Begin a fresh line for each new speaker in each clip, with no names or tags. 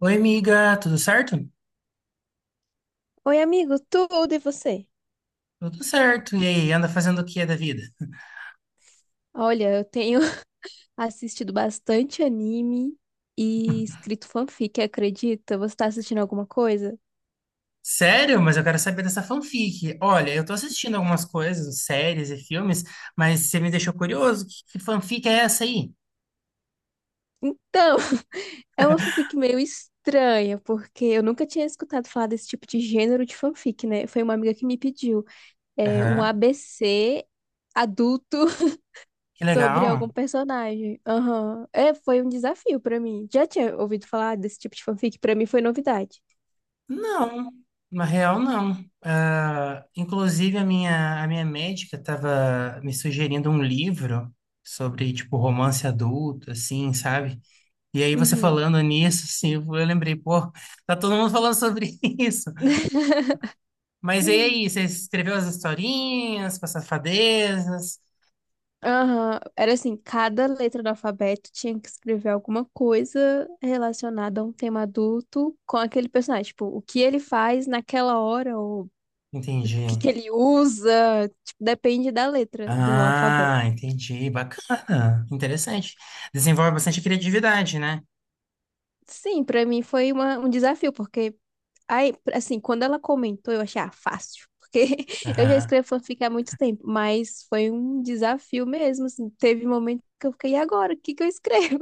Oi, amiga, tudo certo?
Oi, amigo, tudo e você?
Tudo certo. E aí, anda fazendo o que da vida?
Olha, eu tenho assistido bastante anime e escrito fanfic, acredita? Você tá assistindo alguma coisa?
Sério? Mas eu quero saber dessa fanfic. Olha, eu tô assistindo algumas coisas, séries e filmes, mas você me deixou curioso. Que fanfic é essa aí?
Então, é uma fanfic meio estranha, porque eu nunca tinha escutado falar desse tipo de gênero de fanfic, né? Foi uma amiga que me pediu um
Aham.
ABC adulto
Que
sobre algum
legal.
personagem. Aham. É, foi um desafio pra mim. Já tinha ouvido falar desse tipo de fanfic? Pra mim foi novidade.
Não, na real, não. Ah, inclusive, a minha médica estava me sugerindo um livro sobre, tipo, romance adulto, assim, sabe? E aí, você
Uhum.
falando nisso, assim, eu lembrei, pô, tá todo mundo falando sobre isso. Mas e aí, você escreveu as historinhas com as safadezas?
Aham, era assim, cada letra do alfabeto tinha que escrever alguma coisa relacionada a um tema adulto com aquele personagem. Tipo, o que ele faz naquela hora, ou o
Entendi.
que que ele usa, tipo, depende da letra do alfabeto.
Ah, entendi. Bacana. Interessante. Desenvolve bastante criatividade, né?
Sim, pra mim foi um desafio, porque, aí, assim, quando ela comentou, eu achei, ah, fácil. Porque eu já
Aham.
escrevo fanfic há muito tempo, mas foi um desafio mesmo, assim. Teve momentos que eu fiquei, e agora? O que que eu escrevo?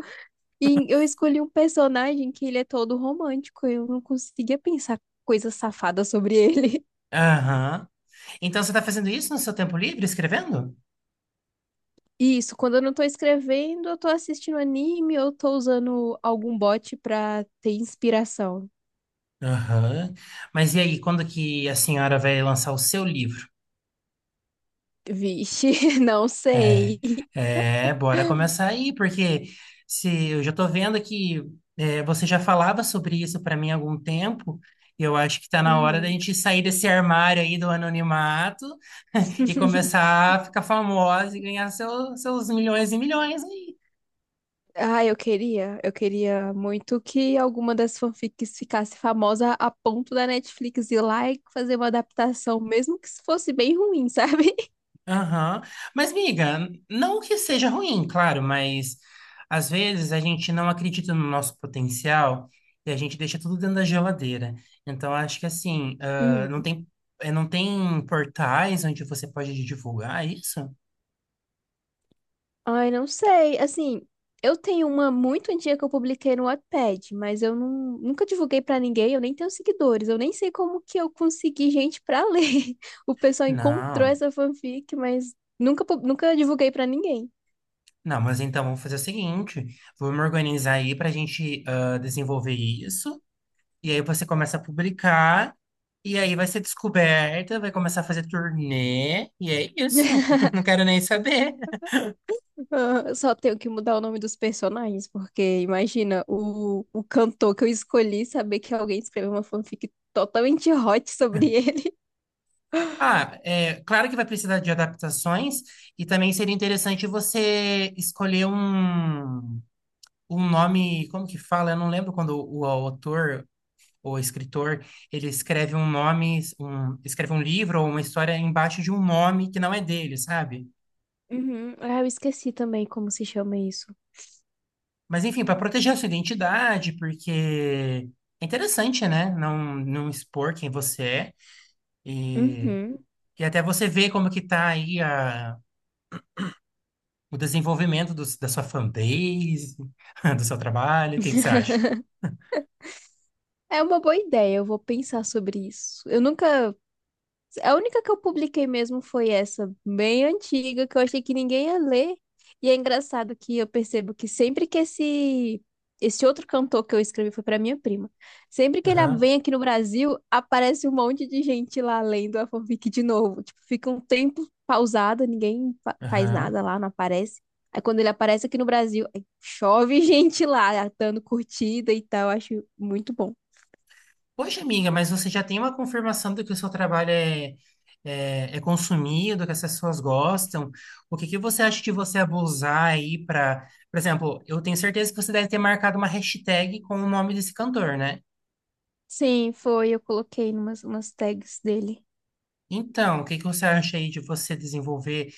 E eu escolhi um personagem que ele é todo romântico. Eu não conseguia pensar coisa safada sobre ele.
Aham. Então você está fazendo isso no seu tempo livre, escrevendo?
E isso, quando eu não tô escrevendo, eu tô assistindo anime ou tô usando algum bot pra ter inspiração.
Aham. Mas e aí, quando que a senhora vai lançar o seu livro?
Vixe, não
É,
sei.
Bora começar aí, porque se eu já tô vendo que você já falava sobre isso para mim há algum tempo, e eu acho que tá na hora da
Uhum.
gente sair desse armário aí do anonimato e começar a ficar famosa e ganhar seu- seus milhões e milhões aí.
Ah, eu queria muito que alguma das fanfics ficasse famosa a ponto da Netflix ir lá e fazer uma adaptação, mesmo que fosse bem ruim, sabe?
Aham. Mas, miga, não que seja ruim, claro, mas às vezes a gente não acredita no nosso potencial e a gente deixa tudo dentro da geladeira. Então, acho que assim, ah, não
Uhum.
tem, não tem portais onde você pode divulgar isso?
Ai, não sei. Assim, eu tenho uma muito antiga que eu publiquei no Wattpad, mas eu não, nunca divulguei pra ninguém, eu nem tenho seguidores, eu nem sei como que eu consegui gente pra ler. O pessoal encontrou
Não.
essa fanfic, mas nunca, nunca divulguei pra ninguém.
Não, mas então vamos fazer o seguinte: vamos organizar aí para a gente ah, desenvolver isso. E aí você começa a publicar, e aí vai ser descoberta, vai começar a fazer turnê, e é isso. Não quero nem saber.
Ah, só tenho que mudar o nome dos personagens, porque imagina o cantor que eu escolhi saber que alguém escreveu uma fanfic totalmente hot sobre ele.
Ah, é claro que vai precisar de adaptações, e também seria interessante você escolher um, um nome, como que fala? Eu não lembro quando o autor ou escritor, ele escreve um nome, um, escreve um livro ou uma história embaixo de um nome que não é dele, sabe?
Uhum. Ah, eu esqueci também como se chama isso.
Mas enfim, para proteger a sua identidade, porque é interessante, né? Não, não expor quem você é. E,
Uhum.
e até você ver como que tá aí a, o desenvolvimento dos- da sua fanbase, do seu trabalho. O que que você acha?
É uma boa ideia, eu vou pensar sobre isso. Eu nunca. A única que eu publiquei mesmo foi essa, bem antiga, que eu achei que ninguém ia ler. E é engraçado que eu percebo que sempre que esse. Esse outro cantor que eu escrevi foi pra minha prima. Sempre que ele
Aham,
vem aqui no Brasil, aparece um monte de gente lá lendo a fanfic de novo. Tipo, fica um tempo pausado, ninguém faz nada
aham.
lá, não aparece. Aí quando ele aparece aqui no Brasil, aí chove gente lá, dando curtida e tal. Eu acho muito bom.
Poxa, amiga, mas você já tem uma confirmação de que o seu trabalho é consumido, que as pessoas gostam. O que que você acha de você abusar aí para, por exemplo, eu tenho certeza que você deve ter marcado uma hashtag com o nome desse cantor, né?
Sim, foi. Eu coloquei umas tags dele.
Então, o que que você acha aí de você desenvolver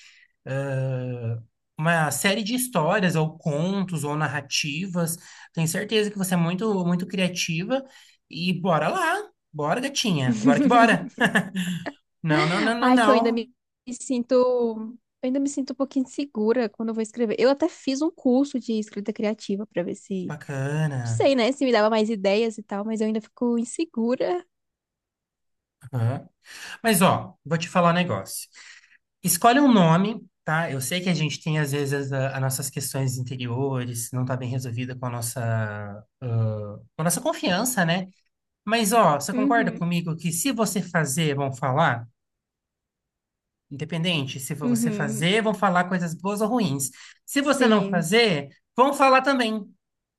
ãh, uma série de histórias ou contos ou narrativas? Tenho certeza que você é muito, muito criativa e bora lá, bora, gatinha, bora que bora. Não, não, não, não,
Ai, que eu ainda me
não.
me sinto. Eu ainda me sinto um pouquinho insegura quando eu vou escrever. Eu até fiz um curso de escrita criativa pra ver
Que
se. Não
bacana.
sei, né? Se me dava mais ideias e tal, mas eu ainda fico insegura.
Aham. Mas, ó, vou te falar um negócio. Escolhe um nome, tá? Eu sei que a gente tem, às vezes, a- as nossas questões interiores, não tá bem resolvida com a nossa, ah, com a nossa confiança, né? Mas, ó, você concorda
Uhum,
comigo que se você fazer, vão falar? Independente, se for você
uhum.
fazer, vão falar coisas boas ou ruins. Se você não
Sim.
fazer, vão falar também.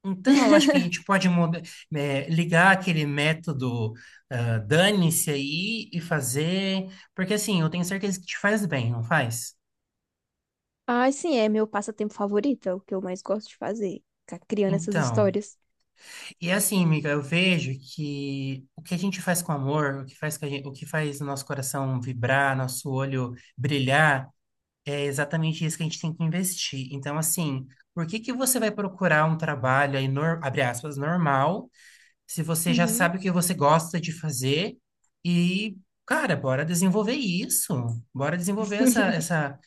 Então, eu acho que a gente pode muda- ligar aquele método, ah, dane-se aí e fazer, porque assim, eu tenho certeza que te faz bem, não faz?
Ai, sim, é meu passatempo favorito, é o que eu mais gosto de fazer. Ficar criando essas
Então,
histórias.
e assim, amiga, eu vejo que o que a gente faz com amor, o que faz, com a gen- o que faz o nosso coração vibrar, nosso olho brilhar, é exatamente isso que a gente tem que investir. Então, assim, por que que você vai procurar um trabalho aí, nor- abre aspas, normal, se você já
Uhum.
sabe o que você gosta de fazer e, cara, bora desenvolver isso. Bora desenvolver essa, essa,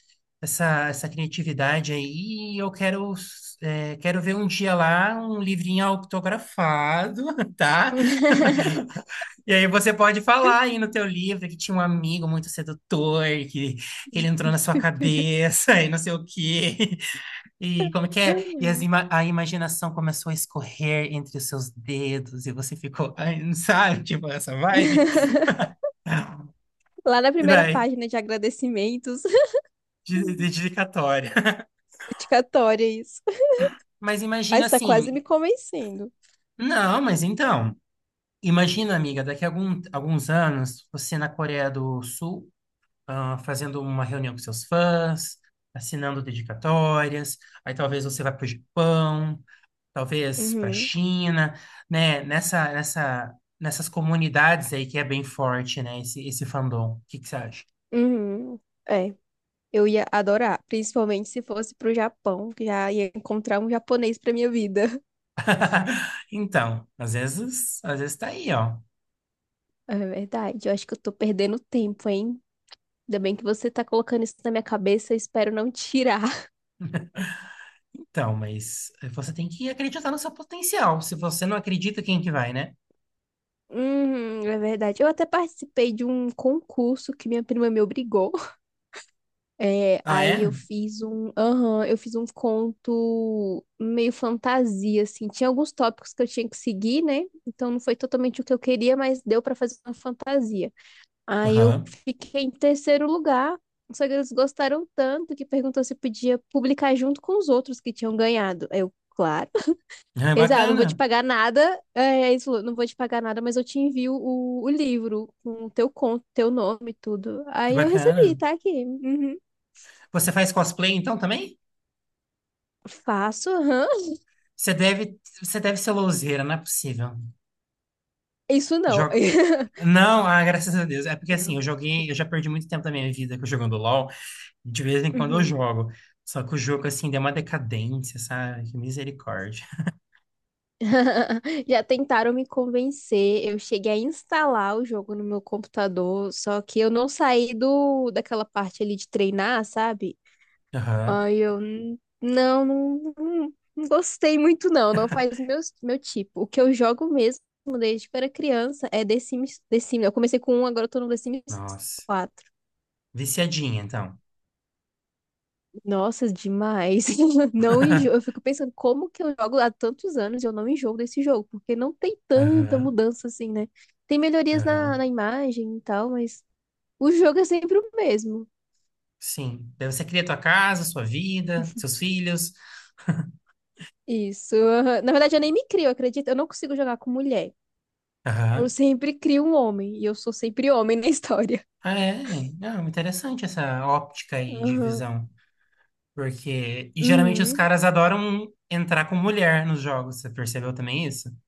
essa, essa criatividade aí. E eu quero, quero ver um dia lá um livrinho autografado, tá? E aí você pode falar aí no teu livro que tinha um amigo muito sedutor, que ele entrou na sua cabeça e não sei o quê. E como que é? E as ima- a imaginação começou a escorrer entre os seus dedos e você ficou, ai, não sabe, tipo essa vibe?
Lá na
E
primeira
daí,
página de agradecimentos,
dedicatória.
dedicatória, isso.
Mas
Ah,
imagina
está quase
assim,
me convencendo.
não, mas então, imagina, amiga, daqui a algum, alguns anos, você na Coreia do Sul ah, fazendo uma reunião com seus fãs, assinando dedicatórias, aí talvez você vá para o Japão, talvez para a
Uhum,
China, né? Nessas comunidades aí que é bem forte, né? Esse fandom. O que que você acha?
uhum. É, eu ia adorar, principalmente se fosse pro Japão, que já ia encontrar um japonês pra minha vida.
Então, às vezes tá aí, ó.
É verdade, eu acho que eu tô perdendo tempo, hein? Ainda bem que você tá colocando isso na minha cabeça, eu espero não tirar.
Então, mas você tem que acreditar no seu potencial. Se você não acredita, quem que vai, né?
Uhum, é verdade. Eu até participei de um concurso que minha prima me obrigou. É,
Ah,
aí
é?
eu fiz um conto meio fantasia, assim. Tinha alguns tópicos que eu tinha que seguir, né? Então não foi totalmente o que eu queria, mas deu pra fazer uma fantasia. Aí eu
Aham.
fiquei em terceiro lugar. Só que eles gostaram tanto que perguntou se podia publicar junto com os outros que tinham ganhado. Aí eu, claro.
Ah, é
Eles, ah, não vou te
bacana.
pagar nada. É, eles falou, não vou te pagar nada, mas eu te envio o livro com o teu conto, teu nome e tudo.
Que
Aí eu recebi,
bacana.
tá aqui. Uhum.
Você faz cosplay então também?
Faço, aham.
Você deve ser louzeira, não é possível.
Isso não.
Joga. Não, ah, graças a Deus. É porque assim, eu
Não.
joguei, eu já perdi muito tempo da minha vida jogando LOL. De vez em quando eu
Uhum.
jogo. Só que o jogo, assim, deu uma decadência, sabe? Que misericórdia.
Já tentaram me convencer. Eu cheguei a instalar o jogo no meu computador, só que eu não saí do daquela parte ali de treinar, sabe?
Aham.
Aí eu não, não, não gostei muito não, não faz meu, tipo. O que eu jogo mesmo desde que eu era criança é The Sims, The Sims. Eu comecei com um, agora eu tô no The Sims.
Nossa. Viciadinha, então.
Nossa, demais. Não enjoo. Eu fico pensando como que eu jogo há tantos anos e eu não enjoo desse jogo, porque não tem tanta
Aham.
mudança assim, né? Tem melhorias na,
Aham.
na imagem e tal, mas o jogo é sempre o mesmo.
Sim. Daí você cria tua casa, sua vida, seus filhos.
Isso. Aham. Na verdade, eu nem me crio, acredita? Eu não consigo jogar com mulher. Eu
Aham.
sempre crio um homem e eu sou sempre homem na história.
Ah, é. Não, interessante essa óptica aí de
Aham.
visão. Porque. E geralmente os
Uhum.
caras adoram entrar com mulher nos jogos. Você percebeu também isso?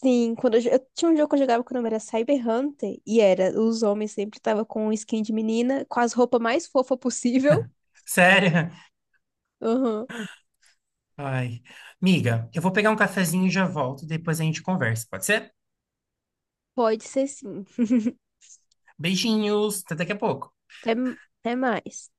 Sim, quando eu tinha um jogo que eu jogava que o nome era Cyber Hunter e era os homens sempre estavam com skin de menina, com as roupas mais fofas possível.
Sério? Ai. Miga, eu vou pegar um cafezinho e já volto. Depois a gente conversa, pode ser?
Pode ser sim.
Beijinhos, até daqui a pouco.
Até, até mais.